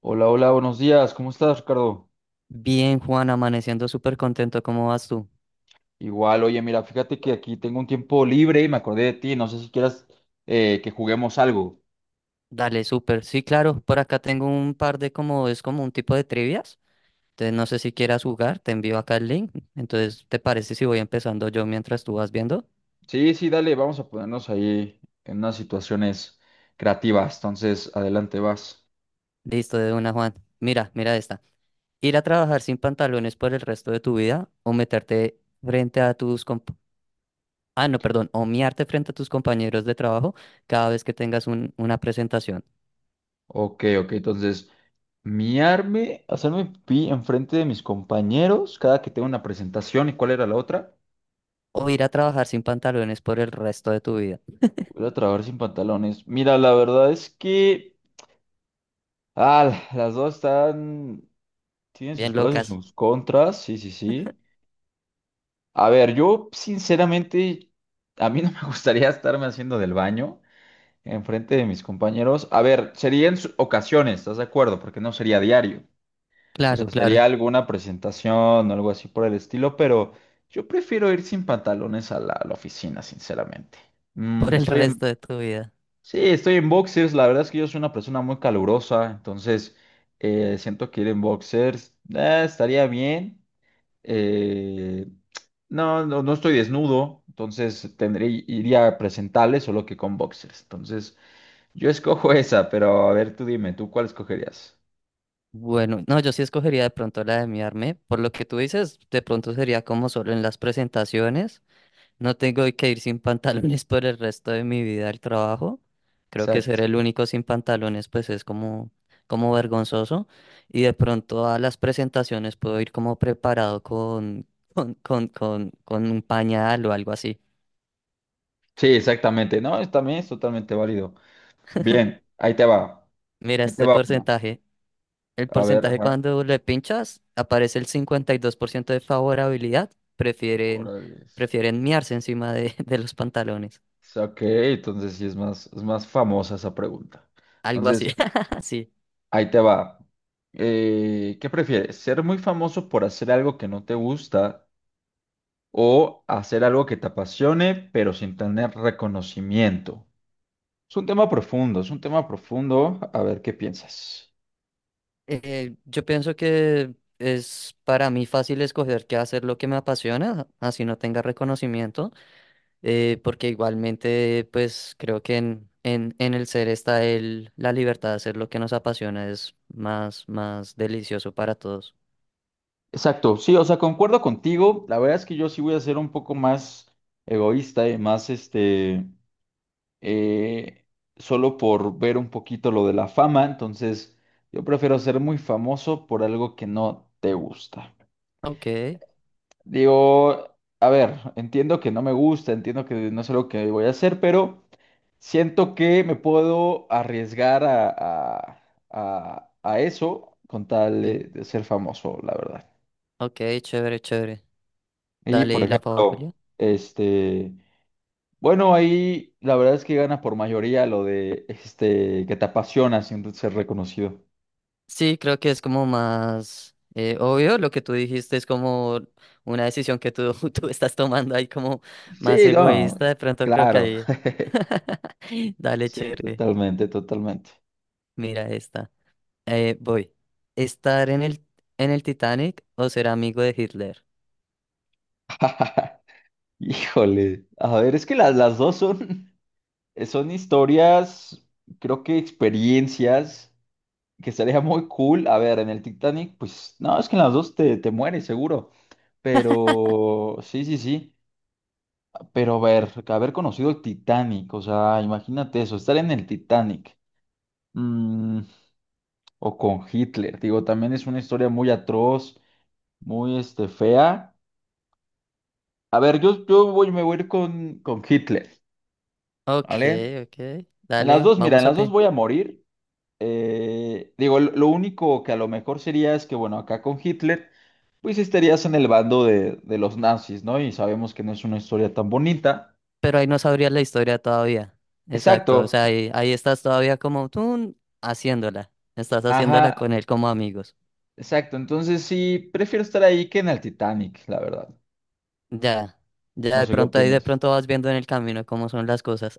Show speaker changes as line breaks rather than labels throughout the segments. Hola, hola, buenos días. ¿Cómo estás, Ricardo?
Bien, Juan, amaneciendo súper contento, ¿cómo vas tú?
Igual, oye, mira, fíjate que aquí tengo un tiempo libre y me acordé de ti. No sé si quieras que juguemos algo.
Dale, súper. Sí, claro, por acá tengo un par de como, es como un tipo de trivias. Entonces no sé si quieras jugar, te envío acá el link. Entonces, ¿te parece si voy empezando yo mientras tú vas viendo?
Sí, sí, dale, vamos a ponernos ahí en unas situaciones creativas. Entonces, adelante vas.
Listo, de una, Juan. Mira esta. Ir a trabajar sin pantalones por el resto de tu vida o meterte frente a tus comp- Ah, no, perdón, o miarte frente a tus compañeros de trabajo cada vez que tengas una presentación.
Ok, ok, entonces, miarme, hacerme pi enfrente de mis compañeros cada que tengo una presentación. ¿Y cuál era la otra?
O ir a trabajar sin pantalones por el resto de tu vida.
Voy a trabajar sin pantalones. Mira, la verdad es que... Ah, las dos están... Tienen
Bien,
sus pros y
locas.
sus contras, sí, sí, sí. A ver, yo sinceramente, a mí no me gustaría estarme haciendo del baño enfrente de mis compañeros. A ver, sería en ocasiones, ¿estás de acuerdo? Porque no sería diario. O
Claro,
sea, sería
claro,
alguna presentación o algo así por el estilo, pero yo prefiero ir sin pantalones a la oficina, sinceramente. Mm,
por el
estoy en,
resto de tu vida.
sí, estoy en boxers. La verdad es que yo soy una persona muy calurosa, entonces siento que ir en boxers estaría bien. Eh, no, no, no estoy desnudo, entonces tendré, iría a presentarles solo que con boxers. Entonces, yo escojo esa, pero a ver, tú dime, ¿tú cuál escogerías?
Bueno, no, yo sí escogería de pronto la de miarme. Por lo que tú dices, de pronto sería como solo en las presentaciones. No tengo que ir sin pantalones por el resto de mi vida al trabajo. Creo que ser
Exacto.
el único sin pantalones, pues es como, como vergonzoso. Y de pronto a las presentaciones puedo ir como preparado con un pañal o algo así.
Sí, exactamente. No, también es totalmente válido. Bien, ahí te va.
Mira
Ahí te
este
va una.
porcentaje. El
A ver,
porcentaje
ajá.
cuando le pinchas aparece el 52% de favorabilidad. Prefieren,
Órale.
prefieren miarse encima de, de los pantalones.
Ok, entonces sí es más famosa esa pregunta.
Algo así.
Entonces,
Sí.
ahí te va. ¿Qué prefieres? ¿Ser muy famoso por hacer algo que no te gusta? O hacer algo que te apasione, pero sin tener reconocimiento. Es un tema profundo, es un tema profundo. A ver qué piensas.
Yo pienso que es para mí fácil escoger qué hacer lo que me apasiona, así no tenga reconocimiento, porque igualmente pues creo que en el ser está el, la libertad de hacer lo que nos apasiona, es más, más delicioso para todos.
Exacto, sí, o sea, concuerdo contigo. La verdad es que yo sí voy a ser un poco más egoísta y más eh, solo por ver un poquito lo de la fama. Entonces, yo prefiero ser muy famoso por algo que no te gusta.
Ok,
Digo, a ver, entiendo que no me gusta, entiendo que no es algo que voy a hacer, pero... Siento que me puedo arriesgar a eso con tal de ser famoso, la verdad.
ok, chévere, chévere.
Y por
Dale la favorabilidad.
ejemplo, bueno, ahí la verdad es que gana por mayoría lo de este que te apasiona siendo ser reconocido.
Sí, creo que es como más obvio lo que tú dijiste, es como una decisión que tú, tú estás tomando ahí como más
Sí, no,
egoísta, de pronto creo que
claro.
ahí... Dale,
Sí,
chévere.
totalmente, totalmente.
Mira esta. Voy. ¿Estar en en el Titanic o ser amigo de Hitler?
Híjole. A ver, es que las dos son, son historias, creo que experiencias, que sería muy cool. A ver, en el Titanic, pues no, es que en las dos te mueres seguro. Pero sí, sí, sí. Pero a ver, haber conocido el Titanic, o sea, imagínate eso, estar en el Titanic. mm, o con Hitler, digo, también es una historia muy atroz, muy fea. A ver, yo voy, me voy a ir con Hitler,
Ok,
¿vale?
ok.
En las
Dale,
dos, mira, en
vamos a
las dos
pen.
voy a morir. Digo, lo único que a lo mejor sería es que, bueno, acá con Hitler, pues estarías en el bando de los nazis, ¿no? Y sabemos que no es una historia tan bonita.
Pero ahí no sabrías la historia todavía. Exacto. O
Exacto,
sea, ahí estás todavía como tú haciéndola. Estás haciéndola
ajá,
con él como amigos.
exacto. Entonces sí, prefiero estar ahí que en el Titanic, la verdad.
Ya, ya
No
de
sé qué
pronto ahí de
opines.
pronto vas viendo en el camino cómo son las cosas.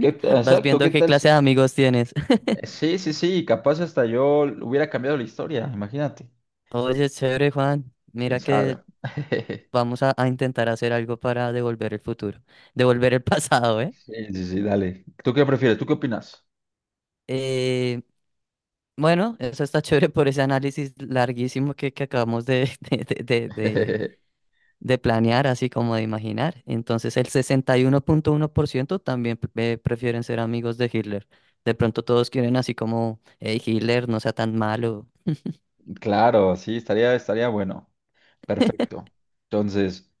Vas
Exacto,
viendo
¿qué
qué
tal?
clase de amigos tienes.
Sí, sí, sí, capaz hasta yo hubiera cambiado la historia, imagínate.
Oye, chévere, Juan.
¿Quién
Mira que
sabe?
vamos a intentar hacer algo para devolver el futuro, devolver el pasado, ¿eh?
Sí, sí, sí, dale. ¿Tú qué prefieres? ¿Tú qué opinas?
Eh, bueno, eso está chévere por ese análisis larguísimo que acabamos de, de, de, de- de planear, así como de imaginar. Entonces, el 61.1% también prefieren ser amigos de Hitler. De pronto todos quieren así como, hey, Hitler, no sea tan malo,
Claro, sí, estaría, estaría bueno. Perfecto. Entonces,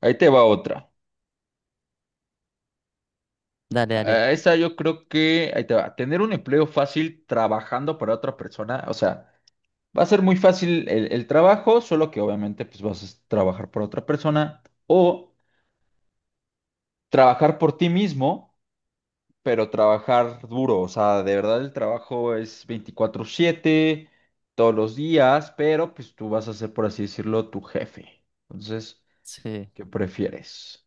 ahí te va otra.
dale, dale.
A esa yo creo que, ahí te va, tener un empleo fácil trabajando para otra persona, o sea, va a ser muy fácil el trabajo, solo que obviamente pues vas a trabajar por otra persona o trabajar por ti mismo, pero trabajar duro, o sea, de verdad el trabajo es 24/7 todos los días, pero pues tú vas a ser, por así decirlo, tu jefe. Entonces,
Sí,
¿qué prefieres?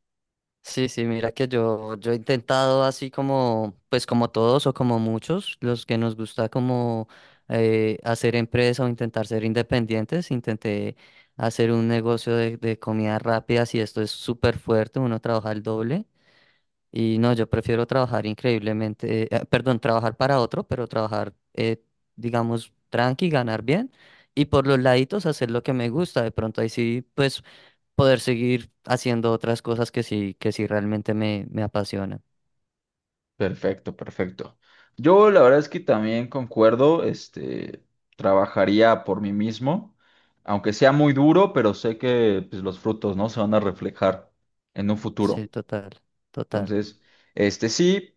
sí, sí, mira que yo he intentado así como, pues como todos o como muchos, los que nos gusta como hacer empresa o intentar ser independientes, intenté hacer un negocio de comidas rápidas y esto es súper fuerte, uno trabaja el doble. Y no, yo prefiero trabajar increíblemente, perdón, trabajar para otro, pero trabajar, digamos, tranqui, ganar bien y por los laditos hacer lo que me gusta. De pronto ahí sí, pues poder seguir haciendo otras cosas que sí realmente me apasionan.
Perfecto, perfecto. Yo la verdad es que también concuerdo, trabajaría por mí mismo, aunque sea muy duro, pero sé que pues, los frutos, ¿no? Se van a reflejar en un
Sí,
futuro.
total, total.
Entonces, este sí,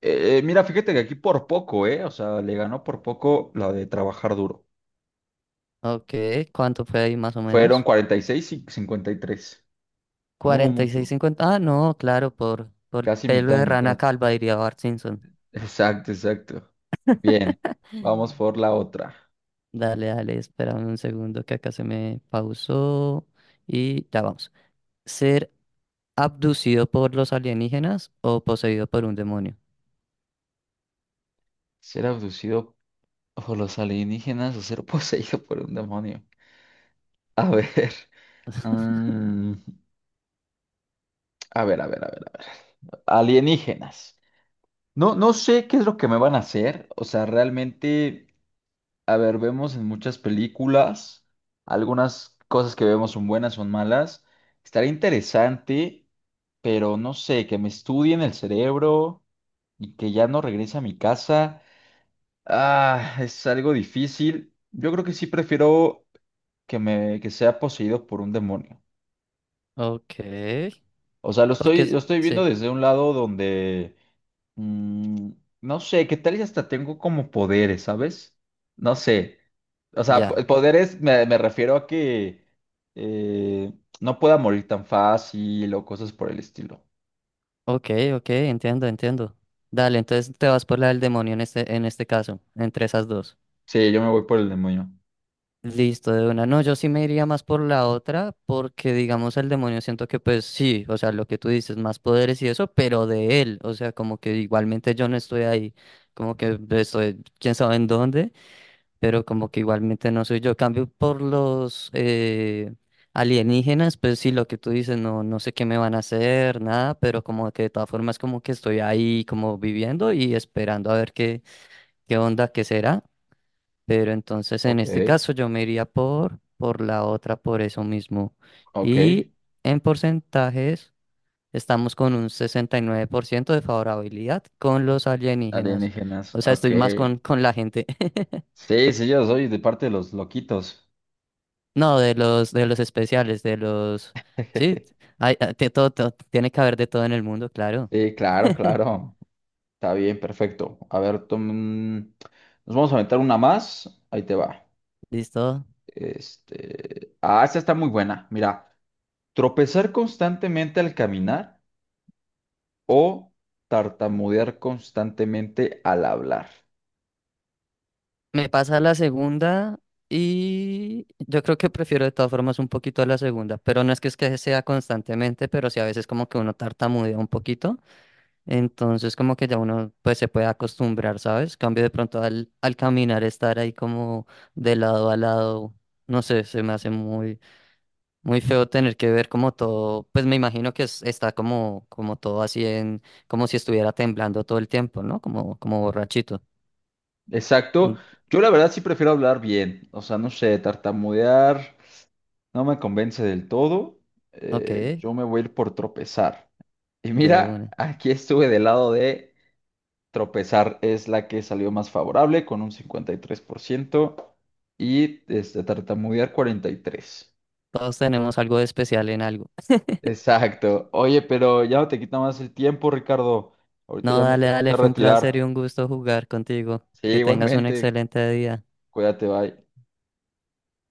mira, fíjate que aquí por poco, ¿eh? O sea, le ganó por poco la de trabajar duro.
Ok, ¿cuánto fue ahí más o
Fueron
menos?
46 y 53. No hubo
cuarenta y seis
mucho,
cincuenta Ah, no, claro, por
casi
pelo
mitad y
de rana
mitad.
calva, diría Bart Simpson.
Exacto, exacto. Bien, vamos por la otra.
Dale, dale, espérame un segundo que acá se me pausó y ya vamos. ¿Ser abducido por los alienígenas o poseído por un demonio?
Ser abducido o los alienígenas o ser poseído por un demonio. A ver. mm, a ver, a ver, a ver, a ver. Alienígenas. No, no sé qué es lo que me van a hacer. O sea, realmente, a ver, vemos en muchas películas, algunas cosas que vemos son buenas, son malas. Estaría interesante, pero no sé, que me estudien el cerebro y que ya no regrese a mi casa. Ah, es algo difícil. Yo creo que sí prefiero que me que sea poseído por un demonio.
Ok,
O sea,
porque
lo
es-
estoy viendo
sí,
desde un lado donde mm, no sé, qué tal y hasta tengo como poderes, ¿sabes? No sé. O sea,
ya.
poderes me refiero a que eh, no pueda morir tan fácil o cosas por el estilo.
Ok, ok, entiendo, entiendo. Dale, entonces te vas por la del demonio en en este caso, entre esas dos.
Sí, yo me voy por el demonio.
Listo, de una. No, yo sí me iría más por la otra, porque digamos el demonio siento que pues sí, o sea, lo que tú dices, más poderes y eso, pero de él, o sea, como que igualmente yo no estoy ahí, como que estoy, quién sabe en dónde. Pero como que igualmente no soy yo. Cambio por los alienígenas, pues sí, lo que tú dices, no, no sé qué me van a hacer, nada, pero como que de todas formas como que estoy ahí como viviendo y esperando a ver qué, qué onda, qué será. Pero entonces en
Ok,
este caso yo me iría por la otra, por eso mismo.
ok.
Y en porcentajes estamos con un 69% de favorabilidad con los alienígenas.
Alienígenas,
O sea,
ok.
estoy más con la gente.
Sí, sí, yo soy de parte de los loquitos.
No, de los especiales, de los... Sí, hay, ah, te- todo, todo- tiene que haber de todo en el mundo, claro.
Sí, claro, claro. Está bien, perfecto. Nos vamos a aventar una más. Ahí te va.
Listo.
Este... Ah, esta está muy buena. Mira, tropezar constantemente al caminar o tartamudear constantemente al hablar.
Me pasa la segunda y yo creo que prefiero de todas formas un poquito a la segunda, pero no es que es que sea constantemente, pero sí a veces como que uno tartamudea un poquito, entonces como que ya uno pues se puede acostumbrar, ¿sabes? Cambio de pronto al caminar, estar ahí como de lado a lado, no sé, se me hace muy... Muy feo tener que ver como todo, pues me imagino que es- está como, como todo así en, como si estuviera temblando todo el tiempo, ¿no? Como, como borrachito. Mm,
Exacto. Yo la verdad sí prefiero hablar bien. O sea, no sé, tartamudear no me convence del todo.
ok,
Yo me voy a ir por tropezar. Y
de
mira,
una.
aquí estuve del lado de tropezar. Es la que salió más favorable con un 53% y este, tartamudear 43%.
Todos tenemos algo de especial en algo.
Exacto. Oye, pero ya no te quita más el tiempo, Ricardo. Ahorita
No,
ya me
dale,
tengo
dale,
que
fue un placer y
retirar.
un gusto jugar contigo.
Sí,
Que tengas un
igualmente.
excelente día.
Cuídate, bye.